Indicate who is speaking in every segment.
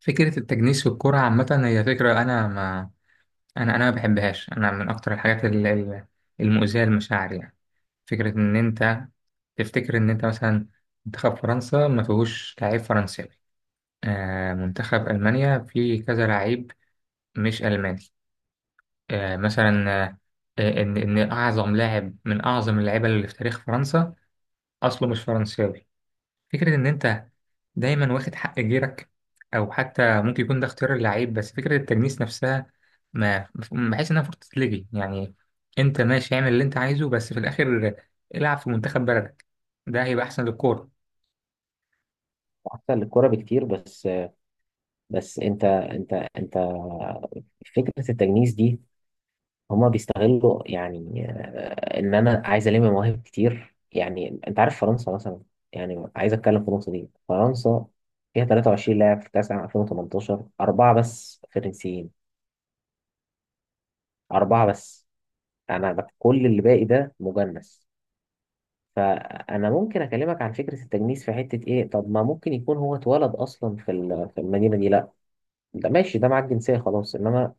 Speaker 1: فكرة التجنيس في الكرة عامة هي فكرة أنا ما بحبهاش. أنا من أكتر الحاجات المؤذية للمشاعر، يعني فكرة إن أنت تفتكر إن أنت مثلا منتخب فرنسا ما فيهوش لعيب فرنساوي، آه منتخب ألمانيا فيه كذا لعيب مش ألماني. آه مثلا، آه إن أعظم لاعب من أعظم اللعيبة اللي في تاريخ فرنسا أصله مش فرنساوي. فكرة إن أنت دايما واخد حق جيرك، أو حتى ممكن يكون ده اختيار اللعيب، بس فكرة التجنيس نفسها ما بحس إنها فرصة تتلغي، يعني أنت ماشي اعمل اللي أنت عايزه، بس في الآخر العب في منتخب بلدك، ده هيبقى أحسن للكورة.
Speaker 2: احسن للكرة بكتير. بس انت فكرة التجنيس دي هما بيستغلوا، يعني، ان انا عايز مواهب كتير. يعني انت عارف فرنسا مثلا، يعني عايز اتكلم في النقطة دي. فرنسا فيها 23 لاعب في كأس العالم 2018، أربعة بس فرنسيين. أربعة بس. كل اللي باقي ده مجنس. فأنا ممكن أكلمك عن فكرة التجنيس في حتة إيه. طب ما ممكن يكون هو اتولد أصلا في المدينة دي. لأ، ده ماشي، ده معاك جنسية خلاص، إنما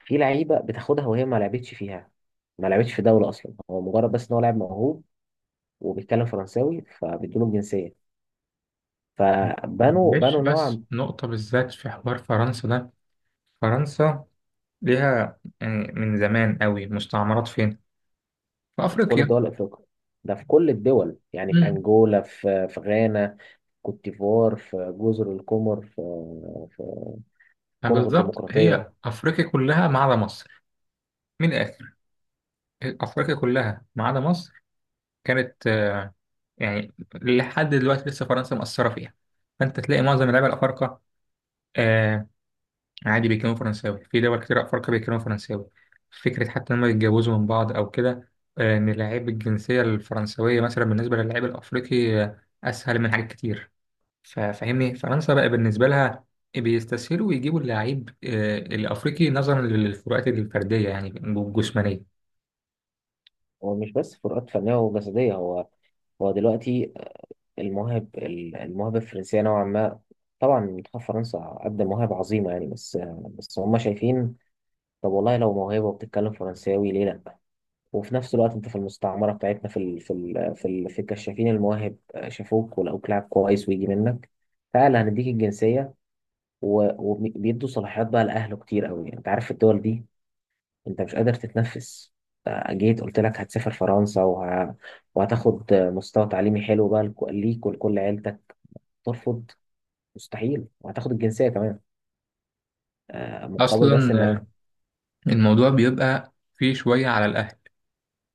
Speaker 2: في لعيبه بتاخدها وهي ما لعبتش فيها، ما لعبتش في دوله اصلا. هو مجرد بس ان هو لاعب موهوب وبيتكلم فرنساوي فبيدوله الجنسيه. فبنوا
Speaker 1: معلش
Speaker 2: بنوا
Speaker 1: بس
Speaker 2: نوعا.
Speaker 1: نقطة بالذات في حوار فرنسا ده، فرنسا ليها يعني من زمان قوي مستعمرات فين؟ في
Speaker 2: في كل
Speaker 1: أفريقيا.
Speaker 2: الدول الافريقيه. ده في كل الدول، يعني في
Speaker 1: امم،
Speaker 2: انجولا، في غانا، كوت ديفوار، في جزر القمر، في الكونغو
Speaker 1: بالظبط،
Speaker 2: الديمقراطيه.
Speaker 1: هي أفريقيا كلها ما عدا مصر. من الآخر، أفريقيا كلها ما عدا مصر كانت يعني لحد دلوقتي لسه فرنسا مأثرة فيها. فأنت تلاقي معظم اللعيبة الأفارقة، آه، عادي بيتكلموا فرنساوي، في دول كتير أفارقة بيتكلموا فرنساوي. فكرة حتى إن هم يتجوزوا من بعض أو كده، إن لعيب الجنسية الفرنسوية مثلا بالنسبة للعيب الأفريقي أسهل من حاجات كتير. فاهمني، فرنسا بقى بالنسبة لها بيستسهلوا يجيبوا اللعيب الأفريقي نظرا للفروقات الفردية يعني الجسمانية.
Speaker 2: هو مش بس فروقات فنيه وجسديه. هو دلوقتي المواهب الفرنسيه نوعا ما. طبعا منتخب فرنسا قدم مواهب عظيمه، يعني. بس هم شايفين، طب والله لو موهبة وبتتكلم فرنساوي، ليه لأ؟ وفي نفس الوقت أنت في المستعمرة بتاعتنا، في الكشافين المواهب، شافوك ولقوك لاعب كويس ويجي منك. تعالى هنديك الجنسية، و... وبيدوا صلاحيات بقى لأهله كتير أوي، يعني. أنت عارف في الدول دي أنت مش قادر تتنفس. جيت قلت لك هتسافر فرنسا وهتاخد مستوى تعليمي حلو بقى ليك ولكل عيلتك. ترفض؟ مستحيل. وهتاخد الجنسية كمان، مقابل بس
Speaker 1: أصلا
Speaker 2: إنك.
Speaker 1: الموضوع بيبقى فيه شوية على الأهل،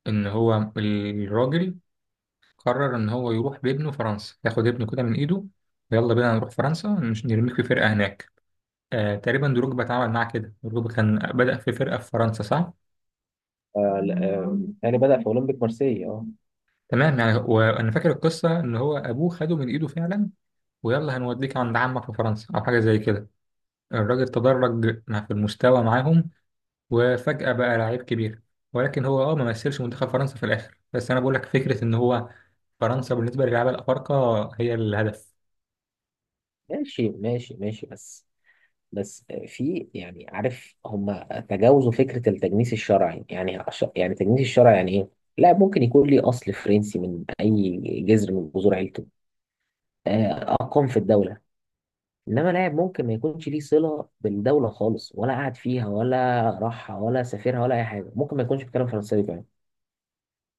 Speaker 1: ان هو الراجل قرر ان هو يروح بابنه فرنسا، ياخد ابنه كده من ايده ويلا بينا نروح فرنسا، مش نرميك في فرقه هناك. آه تقريبا دروجبا اتعامل معاه كده، دروجبا كان بدأ في فرقه في فرنسا صح.
Speaker 2: يعني بدأ في أولمبيك مارسيليا.
Speaker 1: تمام، يعني وانا فاكر القصه ان هو ابوه خده من ايده فعلا، ويلا هنوديك عند عمك في فرنسا او حاجه زي كده. الراجل تدرج في المستوى معاهم، وفجأة بقى لعيب كبير، ولكن هو اه ما مثلش منتخب فرنسا في الاخر. بس انا بقول لك فكره ان هو فرنسا بالنسبه للعيبه الافارقه هي الهدف.
Speaker 2: ماشي ماشي ماشي، بس في، يعني، عارف هم تجاوزوا فكرة التجنيس الشرعي. يعني يعني تجنيس الشرعي يعني ايه؟ لا، ممكن يكون لي اصل فرنسي من اي جذر من جذور عيلته، اقام في الدولة. انما لاعب ممكن ما يكونش ليه صلة بالدولة خالص، ولا قعد فيها، ولا راحها، ولا سافرها، ولا اي حاجة. ممكن ما يكونش بيتكلم فرنساوي كمان،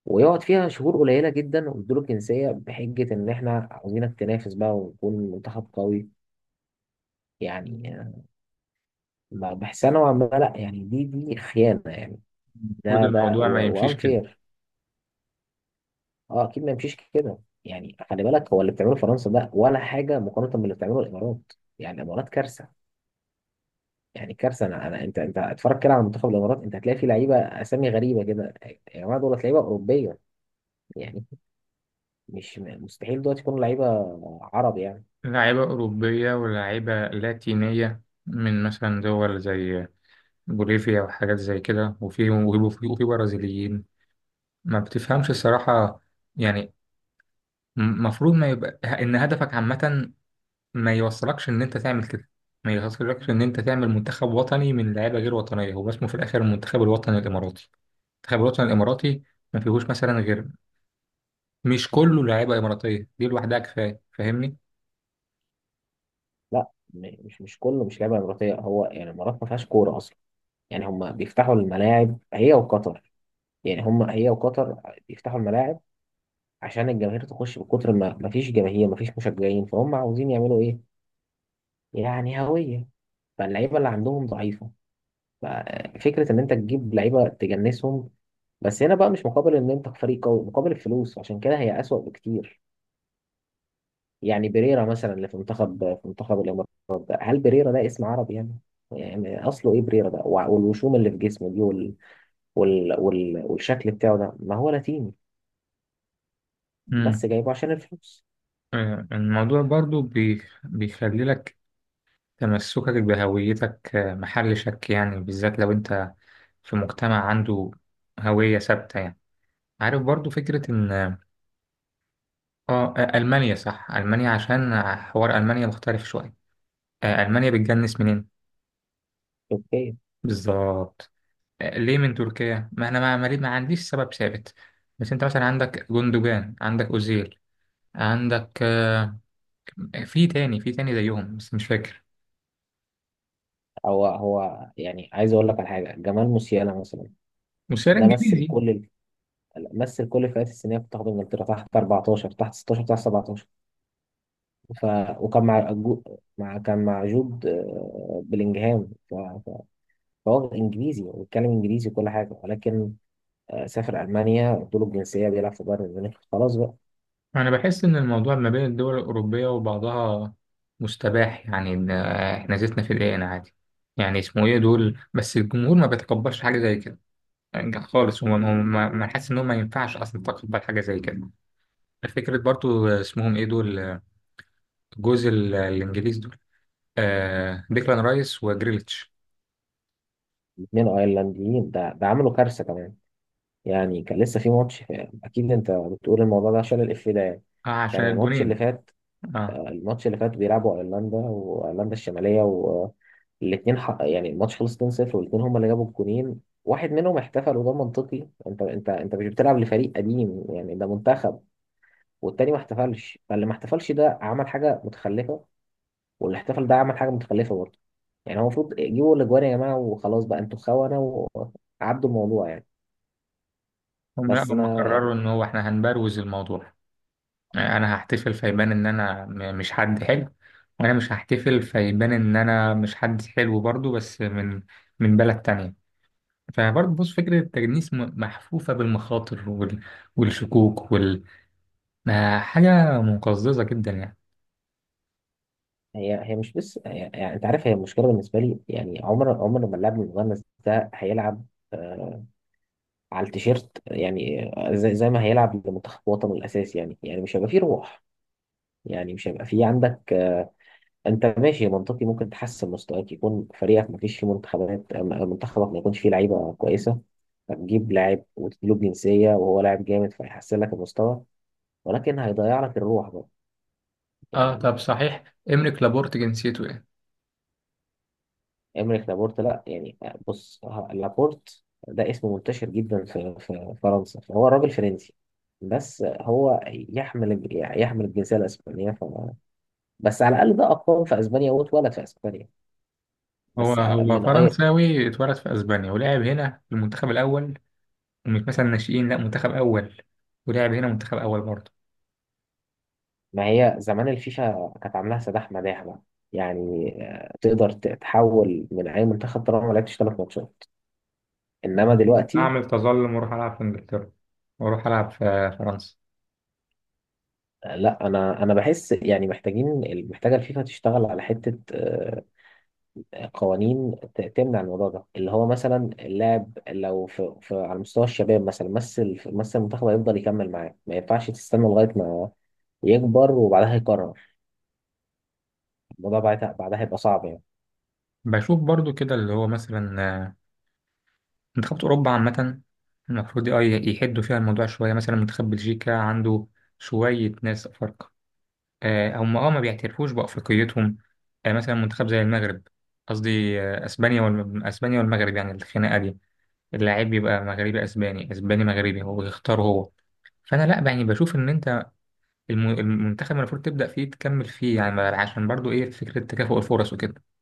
Speaker 2: ويقعد فيها شهور قليلة جدا ويدوله الجنسية بحجة ان احنا عاوزينك تنافس بقى وتكون منتخب قوي. يعني، ما بحسها نوعا ما. لا يعني، دي خيانة، يعني.
Speaker 1: المفروض
Speaker 2: ده
Speaker 1: الموضوع ما يمشيش كده.
Speaker 2: وانفير. اه، اكيد ما يمشيش كده. يعني خلي بالك، هو اللي بتعمله فرنسا ده ولا حاجة مقارنة باللي بتعمله الامارات. يعني الامارات كارثة. يعني كارثة. انا، انت اتفرج كده على منتخب الامارات. انت هتلاقي فيه لعيبة اسامي غريبة كده. يا جماعة، دول لعيبة اوروبية. يعني مش مستحيل دلوقتي يكونوا لعيبة عرب، يعني.
Speaker 1: لعيبة أوروبية ولاعيبة لاتينية من مثلا دول زي بوليفيا وحاجات زي كده، وفي برازيليين. ما بتفهمش الصراحة، يعني المفروض ما يبقى إن هدفك عامة ما يوصلكش إن أنت تعمل كده، ما يوصلكش إن أنت تعمل منتخب وطني من لعيبة غير وطنية. هو اسمه في الآخر المنتخب الوطني الإماراتي، المنتخب الوطني الإماراتي ما فيهوش مثلا غير، مش كله لعيبة إماراتية، دي لوحدها كفاية، فاهمني؟
Speaker 2: لا، مش كله، مش لعيبة اماراتية. هو يعني الامارات ما فيهاش كورة اصلا. يعني هم بيفتحوا الملاعب هي وقطر. يعني هم هي وقطر بيفتحوا الملاعب عشان الجماهير تخش بكتر. ما مفيش جماهير، مفيش مشجعين، فهم عاوزين يعملوا ايه، يعني هوية. فاللعيبة اللي عندهم ضعيفة. ففكرة ان انت تجيب لعيبة تجنسهم، بس هنا بقى مش مقابل ان انت فريق قوي، مقابل الفلوس. عشان كده هي أسوأ بكتير. يعني بيريرا مثلا اللي في منتخب، في منتخب الامارات ده، هل بيريرا ده اسم عربي يعني؟ يعني اصله ايه بريرا ده؟ والوشوم اللي في جسمه دي والشكل بتاعه ده ما هو لاتيني.
Speaker 1: مم.
Speaker 2: بس جايبه عشان الفلوس.
Speaker 1: آه، الموضوع برضو بيخلي لك تمسكك بهويتك محل شك، يعني بالذات لو انت في مجتمع عنده هوية ثابتة، يعني عارف برضو فكرة ان ألمانيا، صح ألمانيا، عشان حوار ألمانيا مختلف شوية. آه، ألمانيا بتجنس منين؟
Speaker 2: اوكي.
Speaker 1: بالظبط، آه، ليه من تركيا؟ ما انا ما, ما ليه- ما عنديش سبب ثابت، بس انت مثلا عندك جندوجان، عندك أوزيل، عندك في تاني زيهم بس مش فاكر.
Speaker 2: هو يعني عايز اقول لك على حاجه. جمال موسيالا مثلا،
Speaker 1: وسعر
Speaker 2: ده
Speaker 1: انجليزي.
Speaker 2: مثل كل الفئات السنيه بتاخد انجلترا، تحت 14، تحت 16، تحت 17. ف... وكان مع جو... مع كان مع جود بلينجهام. فهو انجليزي وبيتكلم انجليزي وكل حاجه، ولكن سافر المانيا، ادوله الجنسيه، بيلعب في بايرن ميونخ. خلاص بقى.
Speaker 1: أنا بحس إن الموضوع ما بين الدول الأوروبية وبعضها مستباح، يعني إن إحنا زيتنا في العين عادي. يعني اسمه إيه دول، بس الجمهور ما بيتقبلش حاجة زي كده يعني خالص، هو ما حاسس إن هو ما ينفعش أصلا تقبل حاجة زي كده. فكرة برضو اسمهم إيه دول، جوز الإنجليز دول، آه ديكلان رايس وجريليتش.
Speaker 2: الاثنين ايرلنديين. ده عملوا كارثه كمان. يعني كان لسه في ماتش، اكيد انت بتقول الموضوع ده عشان الاف ده، يعني.
Speaker 1: آه عشان
Speaker 2: كان الماتش اللي
Speaker 1: الجونين.
Speaker 2: فات،
Speaker 1: آه
Speaker 2: الماتش اللي فات بيلعبوا ايرلندا وايرلندا الشماليه، والاثنين يعني الماتش خلص 2-0. والاثنين هم اللي جابوا الجونين. واحد منهم احتفل، وده منطقي. انت مش بتلعب لفريق قديم، يعني ده منتخب. والتاني ما احتفلش. فاللي ما احتفلش ده عمل حاجه متخلفه، واللي احتفل ده عمل حاجه متخلفه برضه. يعني، هو المفروض جيبوا الاجوان يا جماعه وخلاص، بقى انتوا خونه وعدوا الموضوع، يعني.
Speaker 1: هم لا
Speaker 2: بس
Speaker 1: هم
Speaker 2: ما
Speaker 1: قرروا
Speaker 2: يعني.
Speaker 1: إن هو إحنا هنبروز الموضوع. انا هحتفل فيبان ان انا مش حد حلو، وانا مش هحتفل فيبان ان انا مش حد حلو برضو، بس من من بلد تانية. فبرضه بص، فكرة التجنيس محفوفة بالمخاطر والشكوك وال، ما حاجة مقززة جدا يعني.
Speaker 2: هي مش بس، يعني, انت عارف هي المشكله بالنسبه لي. يعني، عمر ما اللاعب المغمس ده هيلعب آه، على التيشيرت يعني زي ما هيلعب لمنتخب وطنه الاساسي. يعني يعني مش هيبقى فيه روح. يعني مش هيبقى فيه عندك انت ماشي منطقي، ممكن تحسن مستواك، يكون فريقك ما فيش فيه منتخبات، منتخبك ما يكونش فيه لعيبه كويسه، هتجيب لاعب وتديله جنسيه وهو لاعب جامد فيحسن لك المستوى. ولكن هيضيع لك الروح بقى،
Speaker 1: اه طب
Speaker 2: يعني.
Speaker 1: صحيح، إمريك لابورت جنسيته ايه؟
Speaker 2: إمريك لابورت، لا يعني. بص، لابورت ده اسم منتشر جدا في فرنسا، فهو راجل فرنسي. بس هو يحمل يعني يحمل الجنسية الإسبانية. بس على الأقل ده أقام في أسبانيا واتولد في أسبانيا.
Speaker 1: هو
Speaker 2: بس
Speaker 1: هو
Speaker 2: من أي؟
Speaker 1: فرنساوي، اتولد في اسبانيا ولعب هنا في المنتخب الاول. ومش مثلا ناشئين، لا منتخب اول، ولعب هنا منتخب اول برضه.
Speaker 2: ما هي زمان الفيفا كانت عاملاها سداح مداح بقى. يعني تقدر تحول من أي منتخب طالما ما لعبتش 3 ماتشات. إنما دلوقتي
Speaker 1: أعمل تظلم وأروح ألعب في إنجلترا، وأروح ألعب في فرنسا.
Speaker 2: لا. أنا بحس يعني محتاجة الفيفا تشتغل على حتة، قوانين، تمنع الموضوع ده. اللي هو مثلا اللاعب لو في على مستوى الشباب مثلا، مثل المنتخب هيفضل يكمل معاه. ما ينفعش تستنى لغاية ما يكبر وبعدها يقرر. الموضوع بعدها هيبقى صعب، يعني.
Speaker 1: بشوف برضو كده اللي هو مثلا منتخبات أوروبا عامة المفروض اه يحدوا فيها الموضوع شوية. مثلا منتخب بلجيكا عنده شوية ناس أفارقة، هم اه ما بيعترفوش بأفريقيتهم. آه، مثلا منتخب زي المغرب، قصدي أسبانيا والمغرب، يعني الخناقة دي، اللاعب بيبقى مغربي أسباني أسباني مغربي، هو بيختار هو. فأنا لأ، يعني بشوف إن المنتخب المفروض تبدأ فيه تكمل فيه، يعني عشان برضو ايه فكرة تكافؤ الفرص وكده.